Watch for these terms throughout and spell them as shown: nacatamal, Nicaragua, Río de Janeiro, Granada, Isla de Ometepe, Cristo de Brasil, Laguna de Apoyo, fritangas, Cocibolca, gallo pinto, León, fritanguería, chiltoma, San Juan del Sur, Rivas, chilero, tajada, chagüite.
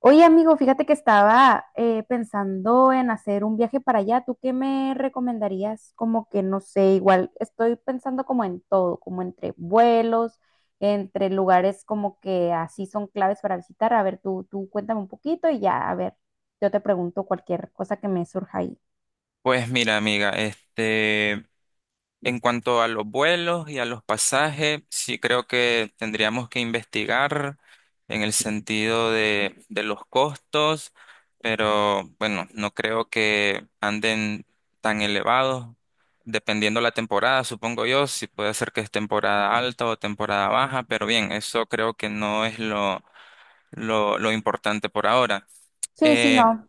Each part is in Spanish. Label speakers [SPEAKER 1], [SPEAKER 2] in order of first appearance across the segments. [SPEAKER 1] Oye, amigo, fíjate que estaba pensando en hacer un viaje para allá. ¿Tú qué me recomendarías? Como que no sé, igual estoy pensando como en todo, como entre vuelos, entre lugares como que así son claves para visitar. A ver, tú cuéntame un poquito y ya, a ver, yo te pregunto cualquier cosa que me surja ahí.
[SPEAKER 2] Pues mira, amiga, este, en cuanto a los vuelos y a los pasajes, sí creo que tendríamos que investigar en el sentido de los costos, pero bueno, no creo que anden tan elevados, dependiendo la temporada, supongo yo, si puede ser que es temporada alta o temporada baja, pero bien, eso creo que no es lo importante por ahora.
[SPEAKER 1] Sí, sí,
[SPEAKER 2] Eh,
[SPEAKER 1] no.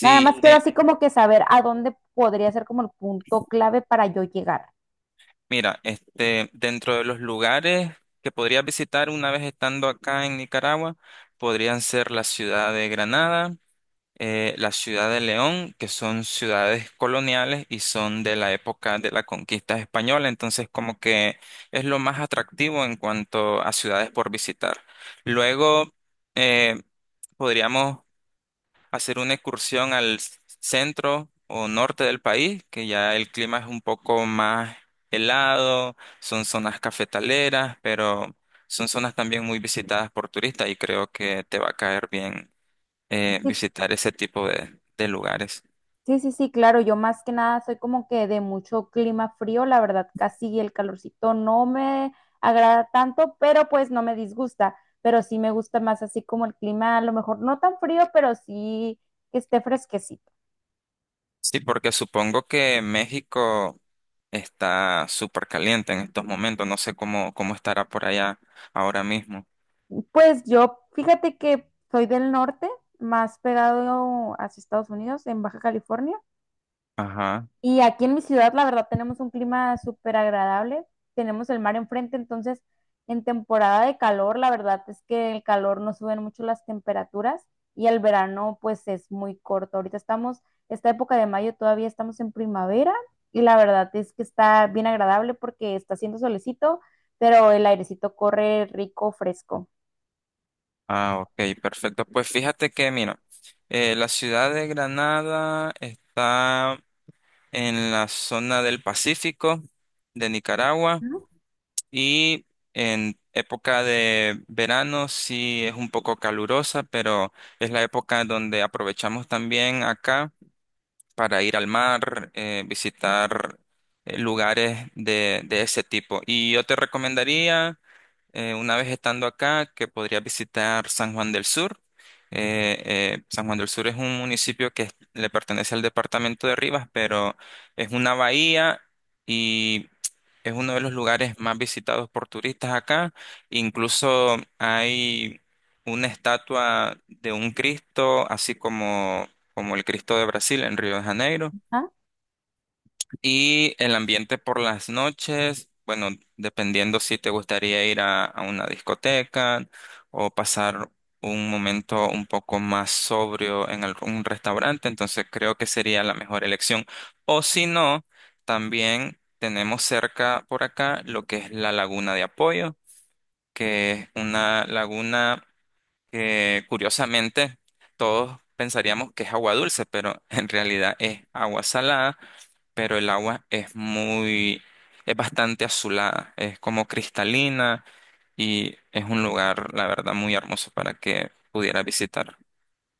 [SPEAKER 1] Nada más sí, quiero así como que saber a dónde podría ser como el punto clave para yo llegar.
[SPEAKER 2] Mira, este, dentro de los lugares que podría visitar una vez estando acá en Nicaragua, podrían ser la ciudad de Granada, la ciudad de León, que son ciudades coloniales y son de la época de la conquista española, entonces como que es lo más atractivo en cuanto a ciudades por visitar. Luego, eh, podríamos hacer una excursión al centro o norte del país, que ya el clima es un poco más helado, son zonas cafetaleras, pero son zonas también muy visitadas por turistas y creo que te va a caer bien
[SPEAKER 1] Sí,
[SPEAKER 2] visitar ese tipo de lugares.
[SPEAKER 1] sí, sí, sí, claro, yo más que nada soy como que de mucho clima frío, la verdad, casi el calorcito no me agrada tanto, pero pues no me disgusta, pero sí me gusta más así como el clima, a lo mejor no tan frío, pero sí que esté fresquecito.
[SPEAKER 2] Sí, porque supongo que México está súper caliente en estos momentos, no sé cómo estará por allá ahora mismo.
[SPEAKER 1] Pues yo, fíjate que soy del norte, más pegado hacia Estados Unidos, en Baja California.
[SPEAKER 2] Ajá.
[SPEAKER 1] Y aquí en mi ciudad, la verdad, tenemos un clima súper agradable. Tenemos el mar enfrente, entonces en temporada de calor, la verdad es que el calor no suben mucho las temperaturas y el verano pues es muy corto. Ahorita estamos, esta época de mayo todavía estamos en primavera y la verdad es que está bien agradable porque está haciendo solecito, pero el airecito corre rico, fresco.
[SPEAKER 2] Ah, ok, perfecto. Pues fíjate que, mira, la ciudad de Granada está en la zona del Pacífico de Nicaragua,
[SPEAKER 1] ¿No?
[SPEAKER 2] y en época de verano sí es un poco calurosa, pero es la época donde aprovechamos también acá para ir al mar, visitar lugares de ese tipo. Y yo te recomendaría una vez estando acá, que podría visitar San Juan del Sur. San Juan del Sur es un municipio le pertenece al departamento de Rivas, pero es una bahía y es uno de los lugares más visitados por turistas acá. Incluso hay una estatua de un Cristo, así como, como el Cristo de Brasil en Río de Janeiro.
[SPEAKER 1] ¿Ah?
[SPEAKER 2] Y el ambiente por las noches, bueno, dependiendo si te gustaría ir a una discoteca o pasar un momento un poco más sobrio en algún restaurante, entonces creo que sería la mejor elección. O si no, también tenemos cerca por acá lo que es la Laguna de Apoyo, que es una laguna que curiosamente todos pensaríamos que es agua dulce, pero en realidad es agua salada, pero el agua es muy, es bastante azulada, es como cristalina y es un lugar, la verdad, muy hermoso para que pudieras visitar.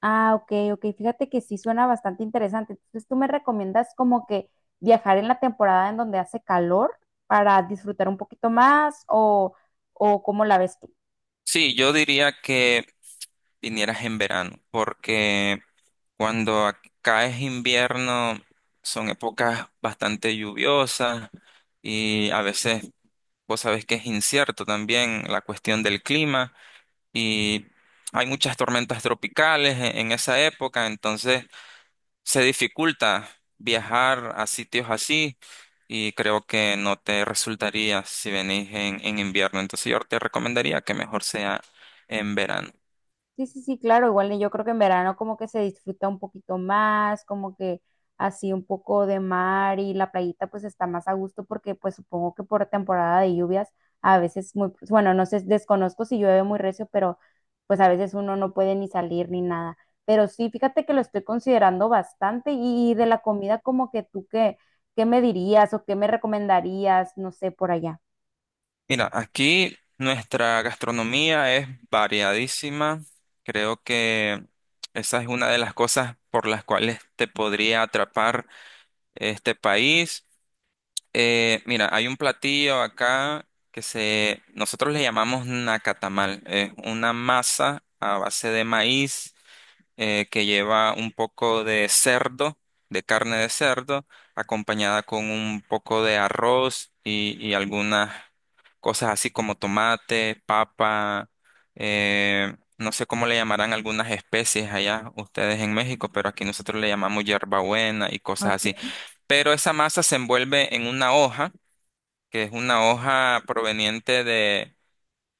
[SPEAKER 1] Ah, ok, ok. Fíjate que sí suena bastante interesante. Entonces, ¿tú me recomiendas como que viajar en la temporada en donde hace calor para disfrutar un poquito más o cómo la ves tú?
[SPEAKER 2] Sí, yo diría que vinieras en verano, porque cuando acá es invierno son épocas bastante lluviosas, y a veces vos sabés que es incierto también la cuestión del clima, y hay muchas tormentas tropicales en esa época, entonces se dificulta viajar a sitios así y creo que no te resultaría si venís en invierno. Entonces yo te recomendaría que mejor sea en verano.
[SPEAKER 1] Sí, sí, sí, claro, igual yo creo que en verano como que se disfruta un poquito más, como que así un poco de mar y la playita pues está más a gusto porque pues supongo que por temporada de lluvias a veces muy, pues, bueno, no sé, desconozco si llueve muy recio, pero pues a veces uno no puede ni salir ni nada. Pero sí, fíjate que lo estoy considerando bastante y de la comida como que tú qué, qué me dirías o qué me recomendarías, no sé, por allá.
[SPEAKER 2] Mira, aquí nuestra gastronomía es variadísima. Creo que esa es una de las cosas por las cuales te podría atrapar este país. Mira, hay un platillo acá nosotros le llamamos nacatamal. Es una masa a base de maíz que lleva un poco de cerdo, de carne de cerdo, acompañada con un poco de arroz y algunas cosas así como tomate, papa, no sé cómo le llamarán algunas especies allá ustedes en México, pero aquí nosotros le llamamos hierbabuena y cosas así.
[SPEAKER 1] Ok,
[SPEAKER 2] Pero esa masa se envuelve en una hoja, que es una hoja proveniente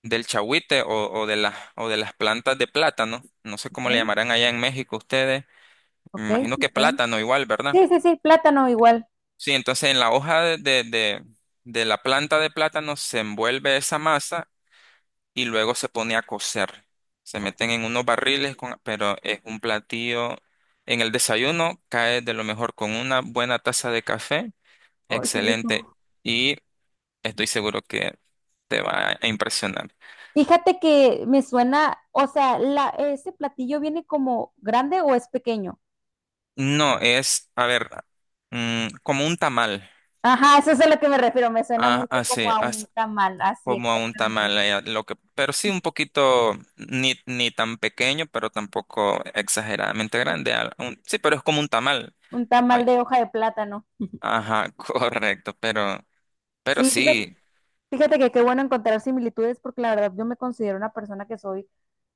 [SPEAKER 2] del chagüite o de las plantas de plátano. No sé cómo le
[SPEAKER 1] ok,
[SPEAKER 2] llamarán allá en México ustedes. Me
[SPEAKER 1] ok,
[SPEAKER 2] imagino
[SPEAKER 1] sí,
[SPEAKER 2] que
[SPEAKER 1] está bien.
[SPEAKER 2] plátano igual, ¿verdad?
[SPEAKER 1] Sí, sí, sí, plátano igual.
[SPEAKER 2] Sí, entonces en la hoja de la planta de plátano se envuelve esa masa y luego se pone a cocer. Se meten en unos barriles, pero es un platillo. En el desayuno cae de lo mejor con una buena taza de café.
[SPEAKER 1] Ay, qué
[SPEAKER 2] Excelente.
[SPEAKER 1] rico.
[SPEAKER 2] Y estoy seguro que te va a impresionar.
[SPEAKER 1] Fíjate que me suena, o sea, la, ese platillo viene como grande o es pequeño.
[SPEAKER 2] No, es, a ver, como un tamal.
[SPEAKER 1] Ajá, eso es a lo que me refiero, me suena
[SPEAKER 2] Ah,
[SPEAKER 1] mucho como
[SPEAKER 2] así,
[SPEAKER 1] a un tamal, así
[SPEAKER 2] como a un tamal.
[SPEAKER 1] exactamente.
[SPEAKER 2] Lo que, pero sí un poquito, ni tan pequeño, pero tampoco exageradamente
[SPEAKER 1] Sí,
[SPEAKER 2] grande. Sí, pero es como un tamal.
[SPEAKER 1] un
[SPEAKER 2] Ay,
[SPEAKER 1] tamal de hoja de plátano.
[SPEAKER 2] ajá, correcto, pero,
[SPEAKER 1] Sí, fíjate.
[SPEAKER 2] sí,
[SPEAKER 1] Fíjate que qué bueno encontrar similitudes porque la verdad yo me considero una persona que soy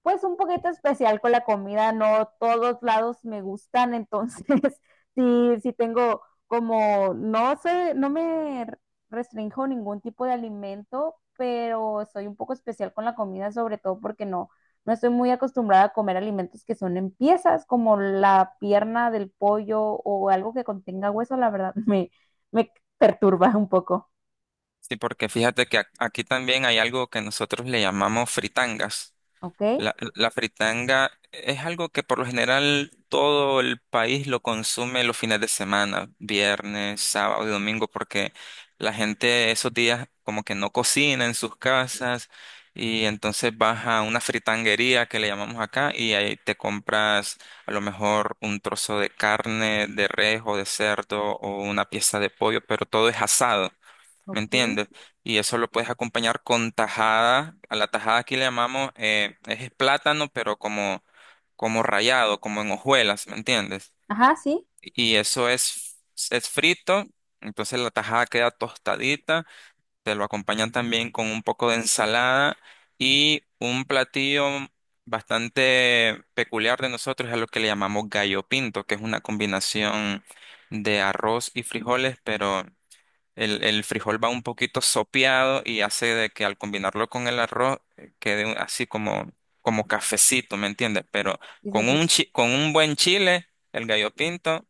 [SPEAKER 1] pues un poquito especial con la comida, no todos lados me gustan, entonces sí, sí tengo como, no sé, no me restrinjo ningún tipo de alimento, pero soy un poco especial con la comida, sobre todo porque no, no estoy muy acostumbrada a comer alimentos que son en piezas, como la pierna del pollo o algo que contenga hueso, la verdad me perturba un poco,
[SPEAKER 2] sí, porque fíjate que aquí también hay algo que nosotros le llamamos fritangas.
[SPEAKER 1] ¿ok?
[SPEAKER 2] La fritanga es algo que por lo general todo el país lo consume los fines de semana, viernes, sábado y domingo, porque la gente esos días como que no cocina en sus casas y entonces vas a una fritanguería que le llamamos acá, y ahí te compras a lo mejor un trozo de carne, de res o de cerdo, o una pieza de pollo, pero todo es asado. ¿Me
[SPEAKER 1] Ok.
[SPEAKER 2] entiendes? Y eso lo puedes acompañar con tajada. A la tajada aquí le llamamos, es plátano, pero como rallado, como en hojuelas, ¿me entiendes?
[SPEAKER 1] Ajá, sí,
[SPEAKER 2] Y eso es frito, entonces la tajada queda tostadita. Te lo acompañan también con un poco de ensalada, y un platillo bastante peculiar de nosotros es a lo que le llamamos gallo pinto, que es una combinación de arroz y frijoles, pero el frijol va un poquito sopeado, y hace de que al combinarlo con el arroz quede así como cafecito, ¿me entiendes? Pero
[SPEAKER 1] sí, sí, sí.
[SPEAKER 2] con un buen chile, el gallo pinto,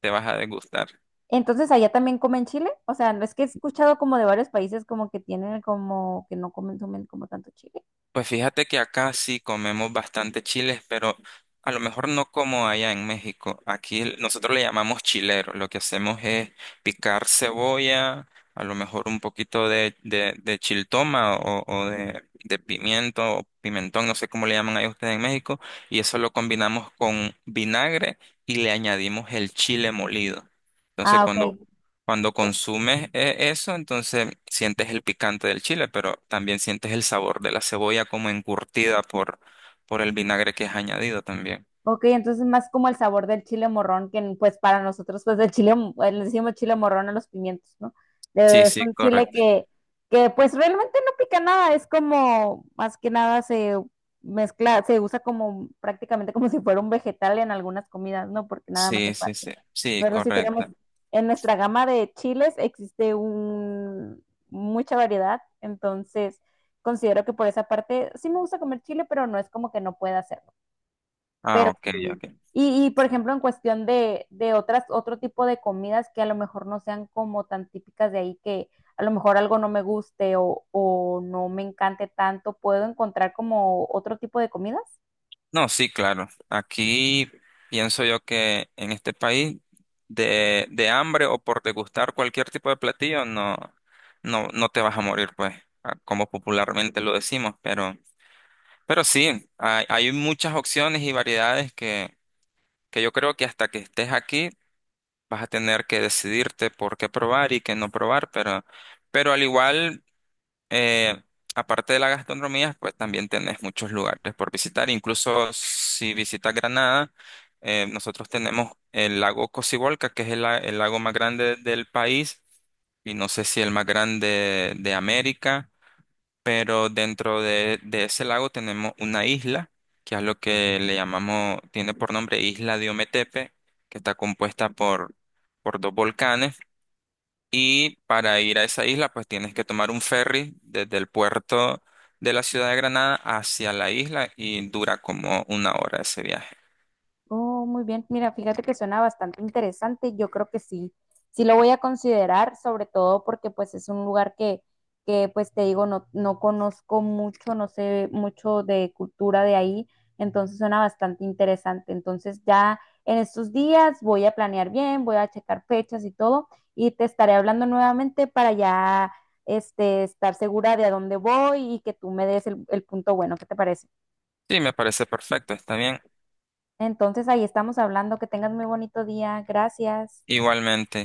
[SPEAKER 2] te vas a degustar.
[SPEAKER 1] Entonces, allá también comen chile. O sea, no es que he escuchado como de varios países como que tienen como que no consumen como tanto chile.
[SPEAKER 2] Pues fíjate que acá sí comemos bastante chiles, pero a lo mejor no como allá en México. Aquí nosotros le llamamos chilero. Lo que hacemos es picar cebolla, a lo mejor un poquito de chiltoma, o de pimiento o pimentón, no sé cómo le llaman ahí ustedes en México, y eso lo combinamos con vinagre y le añadimos el chile molido. Entonces,
[SPEAKER 1] Ah, ok.
[SPEAKER 2] cuando consumes eso, entonces sientes el picante del chile, pero también sientes el sabor de la cebolla como encurtida por el vinagre que es añadido también.
[SPEAKER 1] Ok, entonces más como el sabor del chile morrón, que pues para nosotros, pues el chile, mo- le decimos chile morrón a los pimientos, ¿no?
[SPEAKER 2] Sí,
[SPEAKER 1] Es
[SPEAKER 2] sí,
[SPEAKER 1] un chile
[SPEAKER 2] correcto.
[SPEAKER 1] que pues realmente no pica nada, es como más que nada se mezcla, se usa como prácticamente como si fuera un vegetal en algunas comidas, ¿no? Porque nada más se
[SPEAKER 2] Sí,
[SPEAKER 1] para.
[SPEAKER 2] sí, sí. Sí,
[SPEAKER 1] Nosotros sí tenemos,
[SPEAKER 2] correcto.
[SPEAKER 1] en nuestra gama de chiles existe un, mucha variedad, entonces considero que por esa parte sí me gusta comer chile, pero no es como que no pueda hacerlo.
[SPEAKER 2] Ah,
[SPEAKER 1] Pero
[SPEAKER 2] ok,
[SPEAKER 1] sí.
[SPEAKER 2] ok.
[SPEAKER 1] Y, por ejemplo, en cuestión de otras, otro tipo de comidas que a lo mejor no sean como tan típicas de ahí, que a lo mejor algo no me guste o no me encante tanto, ¿puedo encontrar como otro tipo de comidas?
[SPEAKER 2] No, sí, claro. Aquí pienso yo que en este país de hambre o por degustar cualquier tipo de platillo, no, no te vas a morir, pues, ah, como popularmente lo decimos, pero… Pero sí, hay, muchas opciones y variedades que yo creo que hasta que estés aquí vas a tener que decidirte por qué probar y qué no probar, pero al igual, eh, aparte de la gastronomía, pues también tenés muchos lugares por visitar. Incluso si visitas Granada, nosotros tenemos el lago Cocibolca, que es el lago más grande del país, y no sé si el más grande de América, pero dentro de ese lago tenemos una isla, que es lo que le llamamos, tiene por nombre Isla de Ometepe, que está compuesta por dos volcanes. Y para ir a esa isla, pues tienes que tomar un ferry desde el puerto de la ciudad de Granada hacia la isla, y dura como una hora ese viaje.
[SPEAKER 1] Oh, muy bien. Mira, fíjate que suena bastante interesante. Yo creo que sí, sí lo voy a considerar, sobre todo porque pues es un lugar que pues te digo, no, no conozco mucho, no sé mucho de cultura de ahí, entonces suena bastante interesante. Entonces ya en estos días voy a planear bien, voy a checar fechas y todo, y te estaré hablando nuevamente para ya este, estar segura de a dónde voy y que tú me des el punto bueno. ¿Qué te parece?
[SPEAKER 2] Sí, me parece perfecto, está bien.
[SPEAKER 1] Entonces ahí estamos hablando. Que tengas muy bonito día. Gracias.
[SPEAKER 2] Igualmente.